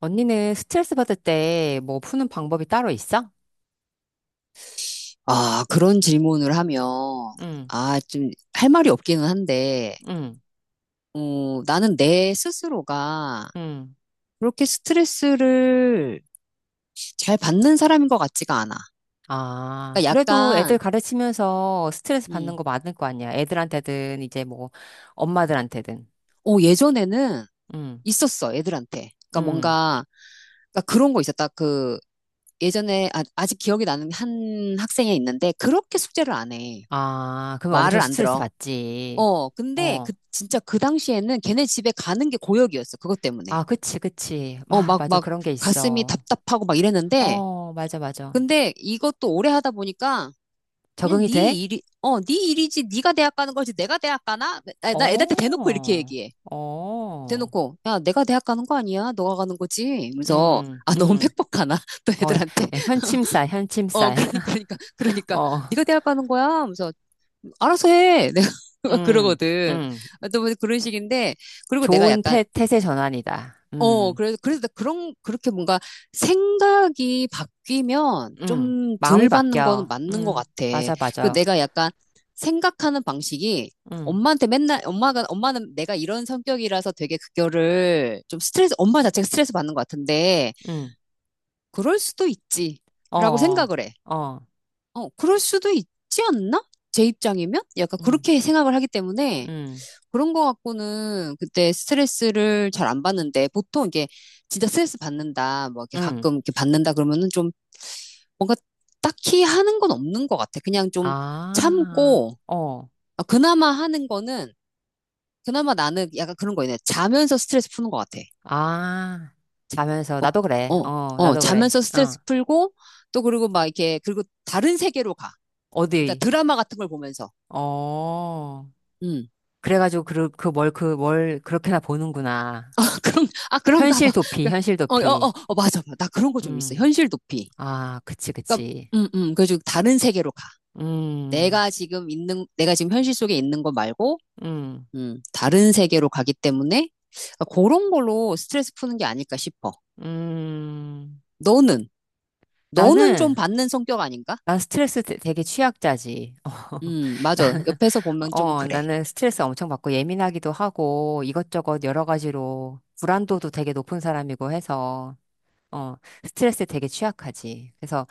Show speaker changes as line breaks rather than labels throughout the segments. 언니는 스트레스 받을 때 뭐 푸는 방법이 따로 있어?
아, 그런 질문을 하면,
응,
아, 좀 할 말이 없기는 한데,
응,
어, 나는 내 스스로가
응.
그렇게 스트레스를 잘 받는 사람인 것 같지가 않아.
아,
그러니까
그래도 애들
약간,
가르치면서 스트레스 받는
음,
거 많을 거 아니야. 애들한테든 이제 뭐 엄마들한테든.
어, 예전에는
응,
있었어, 애들한테. 그러니까
응.
뭔가, 그러니까 그런 거 있었다. 그, 예전에, 아, 아직 기억이 나는 한 학생이 있는데, 그렇게 숙제를 안 해.
아, 그러면 엄청
말을 안
스트레스
들어.
받지.
어, 근데
어.
그, 진짜 그 당시에는 걔네 집에 가는 게 고역이었어, 그것 때문에.
아, 그치, 그치.
어,
와,
막,
맞아.
막,
그런 게
가슴이
있어.
답답하고 막 이랬는데,
어, 맞아, 맞아.
근데 이것도 오래 하다 보니까, 그냥
적응이
네
돼?
일이, 어, 네 일이지, 네가 대학 가는 거지, 내가 대학 가나? 아, 나나 애들한테
어,
대놓고 이렇게 얘기해.
어.
대놓고, 야, 내가 대학 가는 거 아니야? 너가 가는 거지? 그래서,
음,
아, 너무
음.
팩폭하나? 또
어,
애들한테.
현침살,
어,
현침살.
그러니까, 그러니까, 그러니까,
어.
네가 대학 가는 거야? 그래서, 알아서 해. 내가
음,
그러거든.
음.
또 그런 식인데, 그리고 내가
좋은
약간
태세 전환이다.
어, 그래서, 그래서 그런, 그렇게 뭔가 생각이 바뀌면 좀
마음이
덜 받는 거는
바뀌어.
맞는 것 같아.
맞아,
그
맞아.
내가 약간 생각하는 방식이
음,
엄마한테 맨날, 엄마가, 엄마는 내가 이런 성격이라서 되게 그거를 좀 스트레스, 엄마 자체가 스트레스 받는 것 같은데,
음.
그럴 수도 있지.
어,
라고
어,
생각을 해.
어.
어, 그럴 수도 있지 않나? 제 입장이면? 약간
음,
그렇게 생각을 하기 때문에,
음,
그런 거 갖고는 그때 스트레스를 잘 안 받는데 보통 이게 진짜 스트레스 받는다 뭐 이렇게
음.
가끔 이렇게 받는다 그러면은 좀 뭔가 딱히 하는 건 없는 것 같아. 그냥 좀
아,
참고
어,
아, 그나마 하는 거는 그나마 나는 약간 그런 거 있네. 자면서 스트레스 푸는 것 같아.
아. 자면서,
어,
나도 그래.
어,
어,
어,
나도 그래.
자면서
어,
스트레스 풀고 또 그리고 막 이렇게 그리고 다른 세계로 가. 그러니까
어디?
드라마 같은 걸 보면서.
어.
음.
그래가지고, 그 뭘 그렇게나 보는구나.
아, 그런, 아, 그런가
현실
봐.
도피,
그러니까
현실
어, 어,
도피.
어, 어, 맞아. 맞아. 나 그런 거 좀 있어.
음.
현실 도피.
아, 그치,
그러니까,
그치.
그래서 다른 세계로 가.
음,
내가 지금 있는, 내가 지금 현실 속에 있는 거 말고,
음.
다른 세계로 가기 때문에, 그러니까 그런 걸로 스트레스 푸는 게 아닐까 싶어.
음,
너는, 너는 좀
나는,
받는 성격 아닌가?
난 스트레스 되게 취약자지.
맞아.
나는,
옆에서 보면 좀
어,
그래.
나는 스트레스 엄청 받고 예민하기도 하고 이것저것 여러 가지로 불안도도 되게 높은 사람이고 해서, 어, 스트레스에 되게 취약하지. 그래서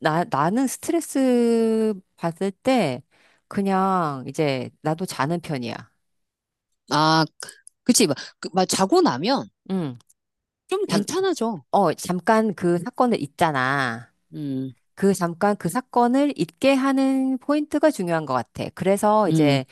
나는 스트레스 받을 때 그냥 이제 나도 자는 편이야.
아, 그치. 막, 그, 막 자고 나면
응,
좀
잠,
괜찮아져.
잠깐 그 사건을 있잖아.
음,
그 잠깐 그 사건을 잊게 하는 포인트가 중요한 것 같아. 그래서
음,
이제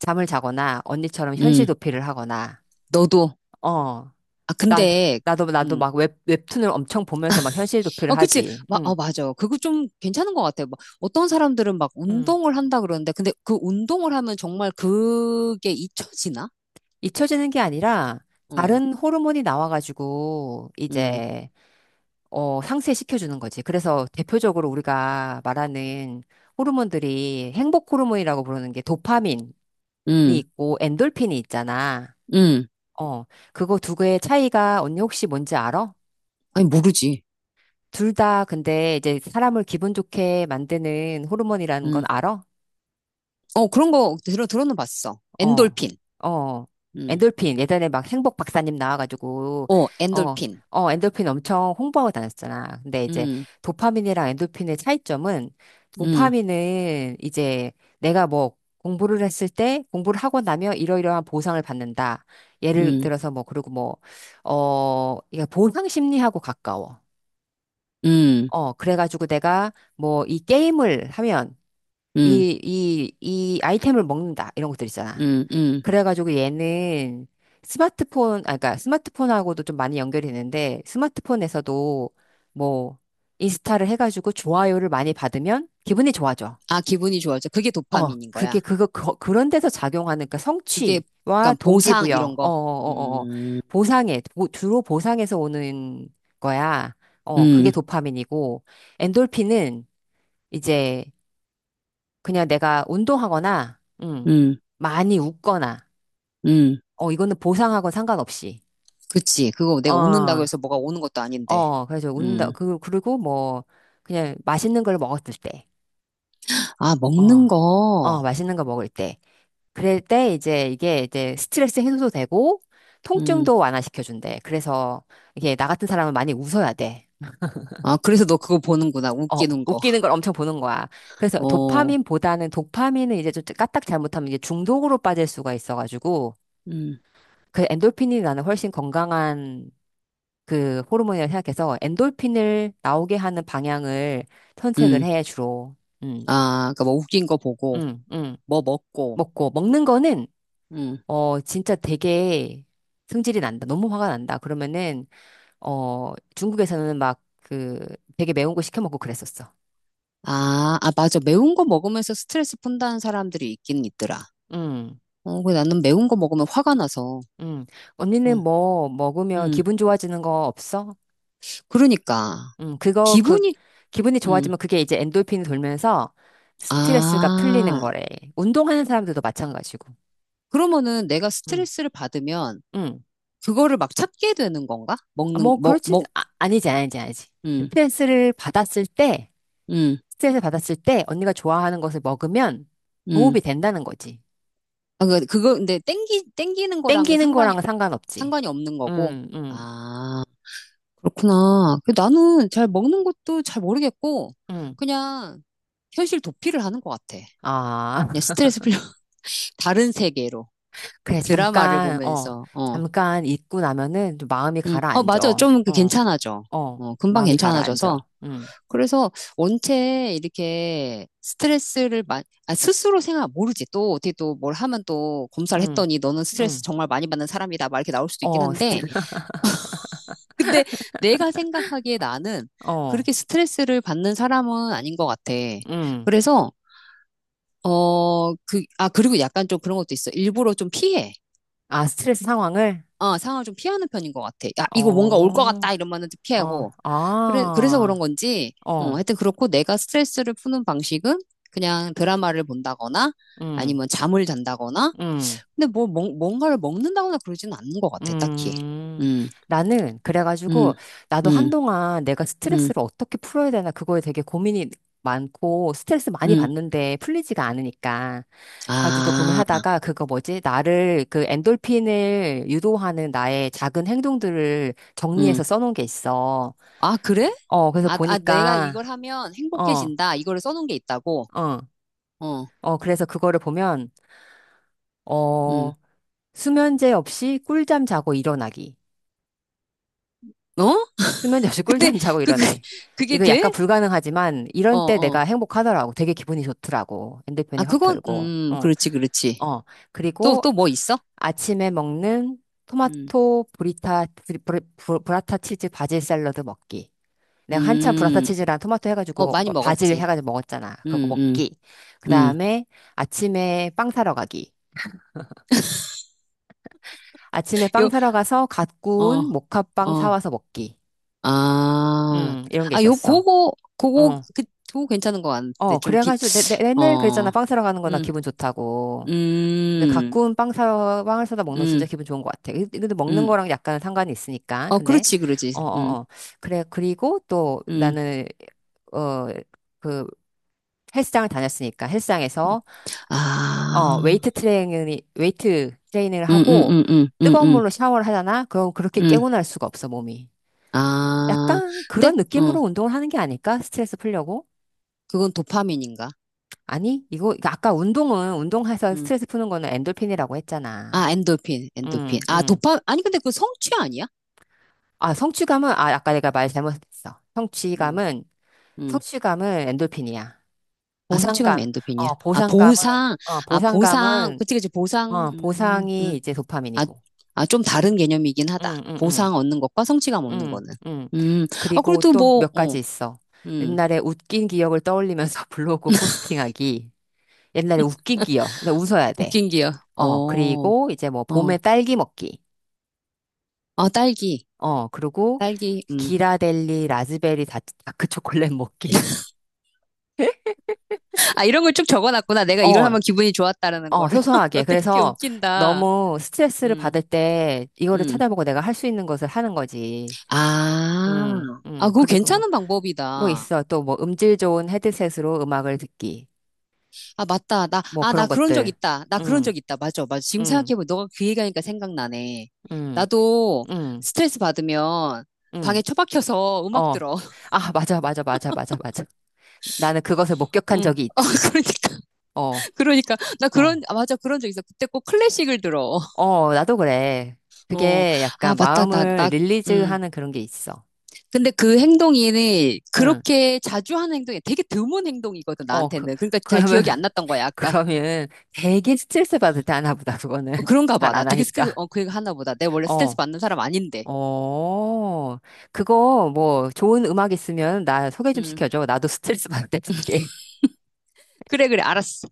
잠을 자거나 언니처럼 현실
음.
도피를 하거나,
너도.
어,
아,
난,
근데,
나도
음.
막 웹툰을 엄청 보면서 막 현실 도피를
어, 그치.
하지.
마,
응,
어, 맞아. 그거 좀 괜찮은 것 같아요. 막 어떤 사람들은 막
응.
운동을 한다 그러는데, 근데 그 운동을 하면 정말 그게 잊혀지나?
잊혀지는 게 아니라
응,
다른 호르몬이 나와가지고
응,
이제, 어, 상쇄시켜주는 거지. 그래서 대표적으로 우리가 말하는 호르몬들이 행복 호르몬이라고 부르는 게 도파민이
응,
있고 엔돌핀이 있잖아.
응.
어, 그거 두 개의 차이가 언니 혹시 뭔지 알아?
아니, 모르지.
둘 다 근데 이제 사람을 기분 좋게 만드는 호르몬이라는 건
응.
알아?
어, 그런 거 들어는 봤어.
어,
엔돌핀.
어,
응.
엔돌핀. 예전에 막 행복 박사님 나와가지고,
어,
어,
엔돌핀.
어, 엔돌핀 엄청 홍보하고 다녔잖아. 근데 이제
응,
도파민이랑 엔돌핀의 차이점은
응,
도파민은 이제 내가 뭐 공부를 했을 때 공부를 하고 나면 이러이러한 보상을 받는다. 예를
응,
들어서 뭐, 그리고 뭐, 어, 이게 보상 심리하고 가까워.
응,
어, 그래가지고 내가 뭐 이 게임을 하면
응,
이 아이템을 먹는다. 이런 것들 있잖아.
응, 응.
그래가지고 얘는 그러니까 스마트폰하고도 좀 많이 연결이 되는데 스마트폰에서도 뭐 인스타를 해가지고 좋아요를 많이 받으면 기분이 좋아져.
아, 기분이 좋아져. 그게
어,
도파민인 거야.
그런 데서 작용하는 그러니까
그게,
성취와
약간 보상, 이런
동기부여, 어, 어,
거.
어, 어,
음,
주로 보상에서 오는 거야. 어, 그게
음,
도파민이고 엔돌핀은 이제 그냥 내가 운동하거나,
음,
많이 웃거나,
음.
어, 이거는 보상하고 상관없이.
그치. 그거 내가 웃는다고
어,
해서 뭐가 오는 것도 아닌데.
어, 그래서 운다,
음.
그, 그리고 뭐, 그냥 맛있는 걸 먹었을 때,
아,
어,
먹는
어,
거.
맛있는 거 먹을 때. 그럴 때 이제 이게 이제 스트레스 해소도 되고,
음.
통증도 완화시켜준대. 그래서 이게 나 같은 사람은 많이 웃어야 돼.
아, 그래서 너 그거 보는구나.
어,
웃기는 거.
웃기는 걸 엄청 보는 거야. 그래서
어.
도파민보다는 도파민은 이제 좀 까딱 잘못하면 이게 중독으로 빠질 수가 있어가지고,
음.
그 엔돌핀이 나는 훨씬 건강한 그 호르몬이라고 생각해서 엔돌핀을 나오게 하는 방향을 선택을
음.
해, 주로. 음,
아, 그니까 뭐 웃긴 거 보고,
음, 음.
뭐 먹고.
먹고. 먹는 거는,
음.
어, 진짜 되게 승질이 난다. 너무 화가 난다. 그러면은, 어, 중국에서는 막 그 되게 매운 거 시켜 먹고 그랬었어.
아, 아, 맞아. 매운 거 먹으면서 스트레스 푼다는 사람들이 있긴 있더라.
음,
어, 근데 나는 매운 거 먹으면 화가 나서.
음. 언니는
어.
뭐 먹으면
음.
기분 좋아지는 거 없어?
그러니까.
음, 그거, 그,
기분이,
기분이
음.
좋아지면 그게 이제 엔돌핀이 돌면서 스트레스가 풀리는
아.
거래. 운동하는 사람들도 마찬가지고.
그러면은 내가
응
스트레스를 받으면
응.
그거를 막 찾게 되는 건가?
아, 뭐, 그렇지. 아, 아니지, 아니지, 아니지.
음,
스트레스를 받았을 때,
음,
스트레스 받았을 때 언니가 좋아하는 것을 먹으면
음.
도움이 된다는 거지.
아, 그, 그거, 근데 땡기는 거랑은
땡기는
상관이,
거랑은 상관없지.
상관이 없는 거고.
응 응
아, 그렇구나. 그 나는 잘 먹는 것도 잘 모르겠고,
응
그냥 현실 도피를 하는 것 같아.
아,
그냥 스트레스 풀려. 다른 세계로.
그래,
드라마를
잠깐, 어,
보면서, 어,
잠깐 잊고 나면은 좀 마음이
어,
가라앉아.
맞아. 좀 그
어,
괜찮아져.
어,
어, 금방
마음이
괜찮아져서.
가라앉아. 음.
그래서 원체 이렇게 스트레스를 마, 아, 스스로 생각, 모르지. 또 어떻게 또 뭘 하면 또 검사를
응,
했더니 너는 스트레스
응.
정말 많이 받는 사람이다. 막 이렇게 나올 수도 있긴
어, 스트,
한데. 근데 내가 생각하기에 나는
어,
그렇게 스트레스를 받는 사람은 아닌 것 같아.
응.
그래서, 어, 그, 아, 그리고 약간 좀 그런 것도 있어. 일부러 좀 피해.
아, 스트레스 상황을?
어, 상황을 좀 피하는 편인 것 같아. 야, 이거 뭔가 올 것
어,
같다 이러면은
어,
피하고. 그래, 그래서 그런
아,
건지, 어,
어,
하여튼 그렇고 내가 스트레스를 푸는 방식은 그냥 드라마를 본다거나
응,
아니면 잠을 잔다거나.
응,
근데 뭐, 뭔가를 먹는다거나 그러지는 않는 것 같아, 딱히.
음.
음, 음,
그래가지고, 나도
음,
한동안 내가
음,
스트레스를 어떻게 풀어야 되나, 그거에 되게 고민이 많고, 스트레스 많이
음.
받는데 풀리지가 않으니까. 가지고
아,
고민하다가, 그거 뭐지? 나를, 그 엔돌핀을 유도하는 나의 작은 행동들을
음.
정리해서 써놓은 게 있어.
아, 그래?
어, 그래서
아, 아, 내가 이걸
보니까,
하면
어,
행복해진다. 이거를 써놓은 게 있다고.
어,
어,
어, 그래서 그거를 보면,
음.
어, 수면제 없이 꿀잠 자고 일어나기.
어?
수면제 없이
근데
꿀잠 자고
그, 그,
일어나기.
그게
이거
돼?
약간 불가능하지만,
어,
이런 때 내가
어.
행복하더라고. 되게 기분이 좋더라고. 핸드폰이
아,
확
그건,
덜고, 어,
그렇지, 그렇지.
어.
또,
그리고
또 뭐 있어?
아침에 먹는
음,
토마토 브라타 치즈 바질 샐러드 먹기. 내가 한참 브라타
음,
치즈랑 토마토
어,
해가지고
많이
뭐 바질
먹었지.
해가지고 먹었잖아. 그거
음, 음,
먹기. 그
음.
다음에 아침에 빵 사러 가기. 아침에 빵
요,
사러 가서 갓
어,
구운 모카빵
어,
사와서 먹기.
아,
이런 게
아, 요,
있었어.
그거, 그거,
어,
그, 그거 괜찮은 거 같은데,
어,
좀 비,
그래가지고 맨날
어,
그랬잖아. 빵 사러 가는 거나
음,
기분 좋다고. 근데 갓
음,
구운 빵을 사다 먹는 거 진짜
음,
기분 좋은 것 같아. 이- 근데 먹는
음.
거랑 약간 상관이 있으니까.
어,
근데,
그렇지, 그렇지.
어, 어, 어. 그래, 그리고 또
음.
나는, 어, 그 헬스장을 다녔으니까 헬스장에서 어,
아,
웨이트 트레이닝을
음, 음,
하고
음, 음, 음,
뜨거운
음,
물로 샤워를 하잖아? 그럼 그렇게
음.
깨고날 수가 없어, 몸이.
아,
약간
근데,
그런
어,
느낌으로 운동을 하는 게 아닐까? 스트레스 풀려고?
그건 도파민인가?
아니, 이거 아까 운동해서
음.
스트레스 푸는 거는 엔돌핀이라고 했잖아.
아, 엔도핀, 엔도핀.
응,
아,
응.
도파, 아니, 근데 그 성취 아니야?
아, 성취감은, 아, 아까 내가 말 잘못했어.
음,
성취감은,
음.
성취감은 엔돌핀이야.
아, 성취감이
보상감,
엔도핀이야.
어,
아,
보상감은,
보상,
어,
아, 보상.
보상감은,
그치, 그치, 보상.
어, 보상이 이제
아,
도파민이고.
아, 좀 다른 개념이긴 하다.
응, 응, 응.
보상 얻는 것과 성취감 얻는
응,
거는.
응.
음, 아,
그리고
그래도
또
뭐,
몇
어,
가지 있어.
음,
옛날에 웃긴 기억을 떠올리면서 블로그 포스팅하기. 옛날에 웃긴 기억. 근데 웃어야 돼.
웃긴 기요. 어,
어, 그리고 이제 뭐
어.
봄에 딸기 먹기.
아, 딸기,
어, 그리고
딸기,
기라델리 라즈베리 다크 초콜릿 먹기.
아, 이런 걸 쭉 적어놨구나. 내가 이걸
어,
하면 기분이 좋았다라는
어,
거를. 너
소소하게.
되게
그래서
웃긴다.
너무 스트레스를
음,
받을 때 이거를
음.
찾아보고 내가 할 수 있는 것을 하는 거지.
아, 아, 그거
그리고 뭐,
괜찮은
뭐
방법이다.
있어. 또 뭐 음질 좋은 헤드셋으로 음악을 듣기.
아, 맞다.
뭐
아,
그런
나 그런 적
것들.
있다. 나 그런
응,
적 있다. 맞아, 맞아. 지금
응,
생각해보면 너가 그 얘기하니까 생각나네.
응,
나도
응,
스트레스 받으면 방에
응.
처박혀서 음악
어.
들어.
아, 맞아, 맞아, 맞아, 맞아, 맞아. 나는 그것을 목격한
응.
적이
아,
있지.
그러니까,
어,
그러니까. 나 그런,
어.
아, 맞아. 그런 적 있어. 그때 꼭 클래식을 들어.
어, 나도 그래.
어.
그게
아,
약간
맞다. 나,
마음을
나, 음.
릴리즈하는 그런 게 있어.
근데 그 행동이
응.
그렇게 자주 하는 행동이 되게 드문 행동이거든,
어, 그,
나한테는. 그러니까 잘
그러면,
기억이 안 났던 거야, 아까.
그러면 되게 스트레스 받을 때 하나 보다, 그거는.
어, 그런가
잘
봐. 나
안
되게 스트레스,
하니까.
어, 그 얘기 하나 보다. 내가 원래 스트레스
어.
받는 사람 아닌데.
어, 그거 뭐 좋은 음악 있으면 나 소개 좀
음.
시켜줘. 나도 스트레스 받을 때 듣게.
그래, 그래, 알았어.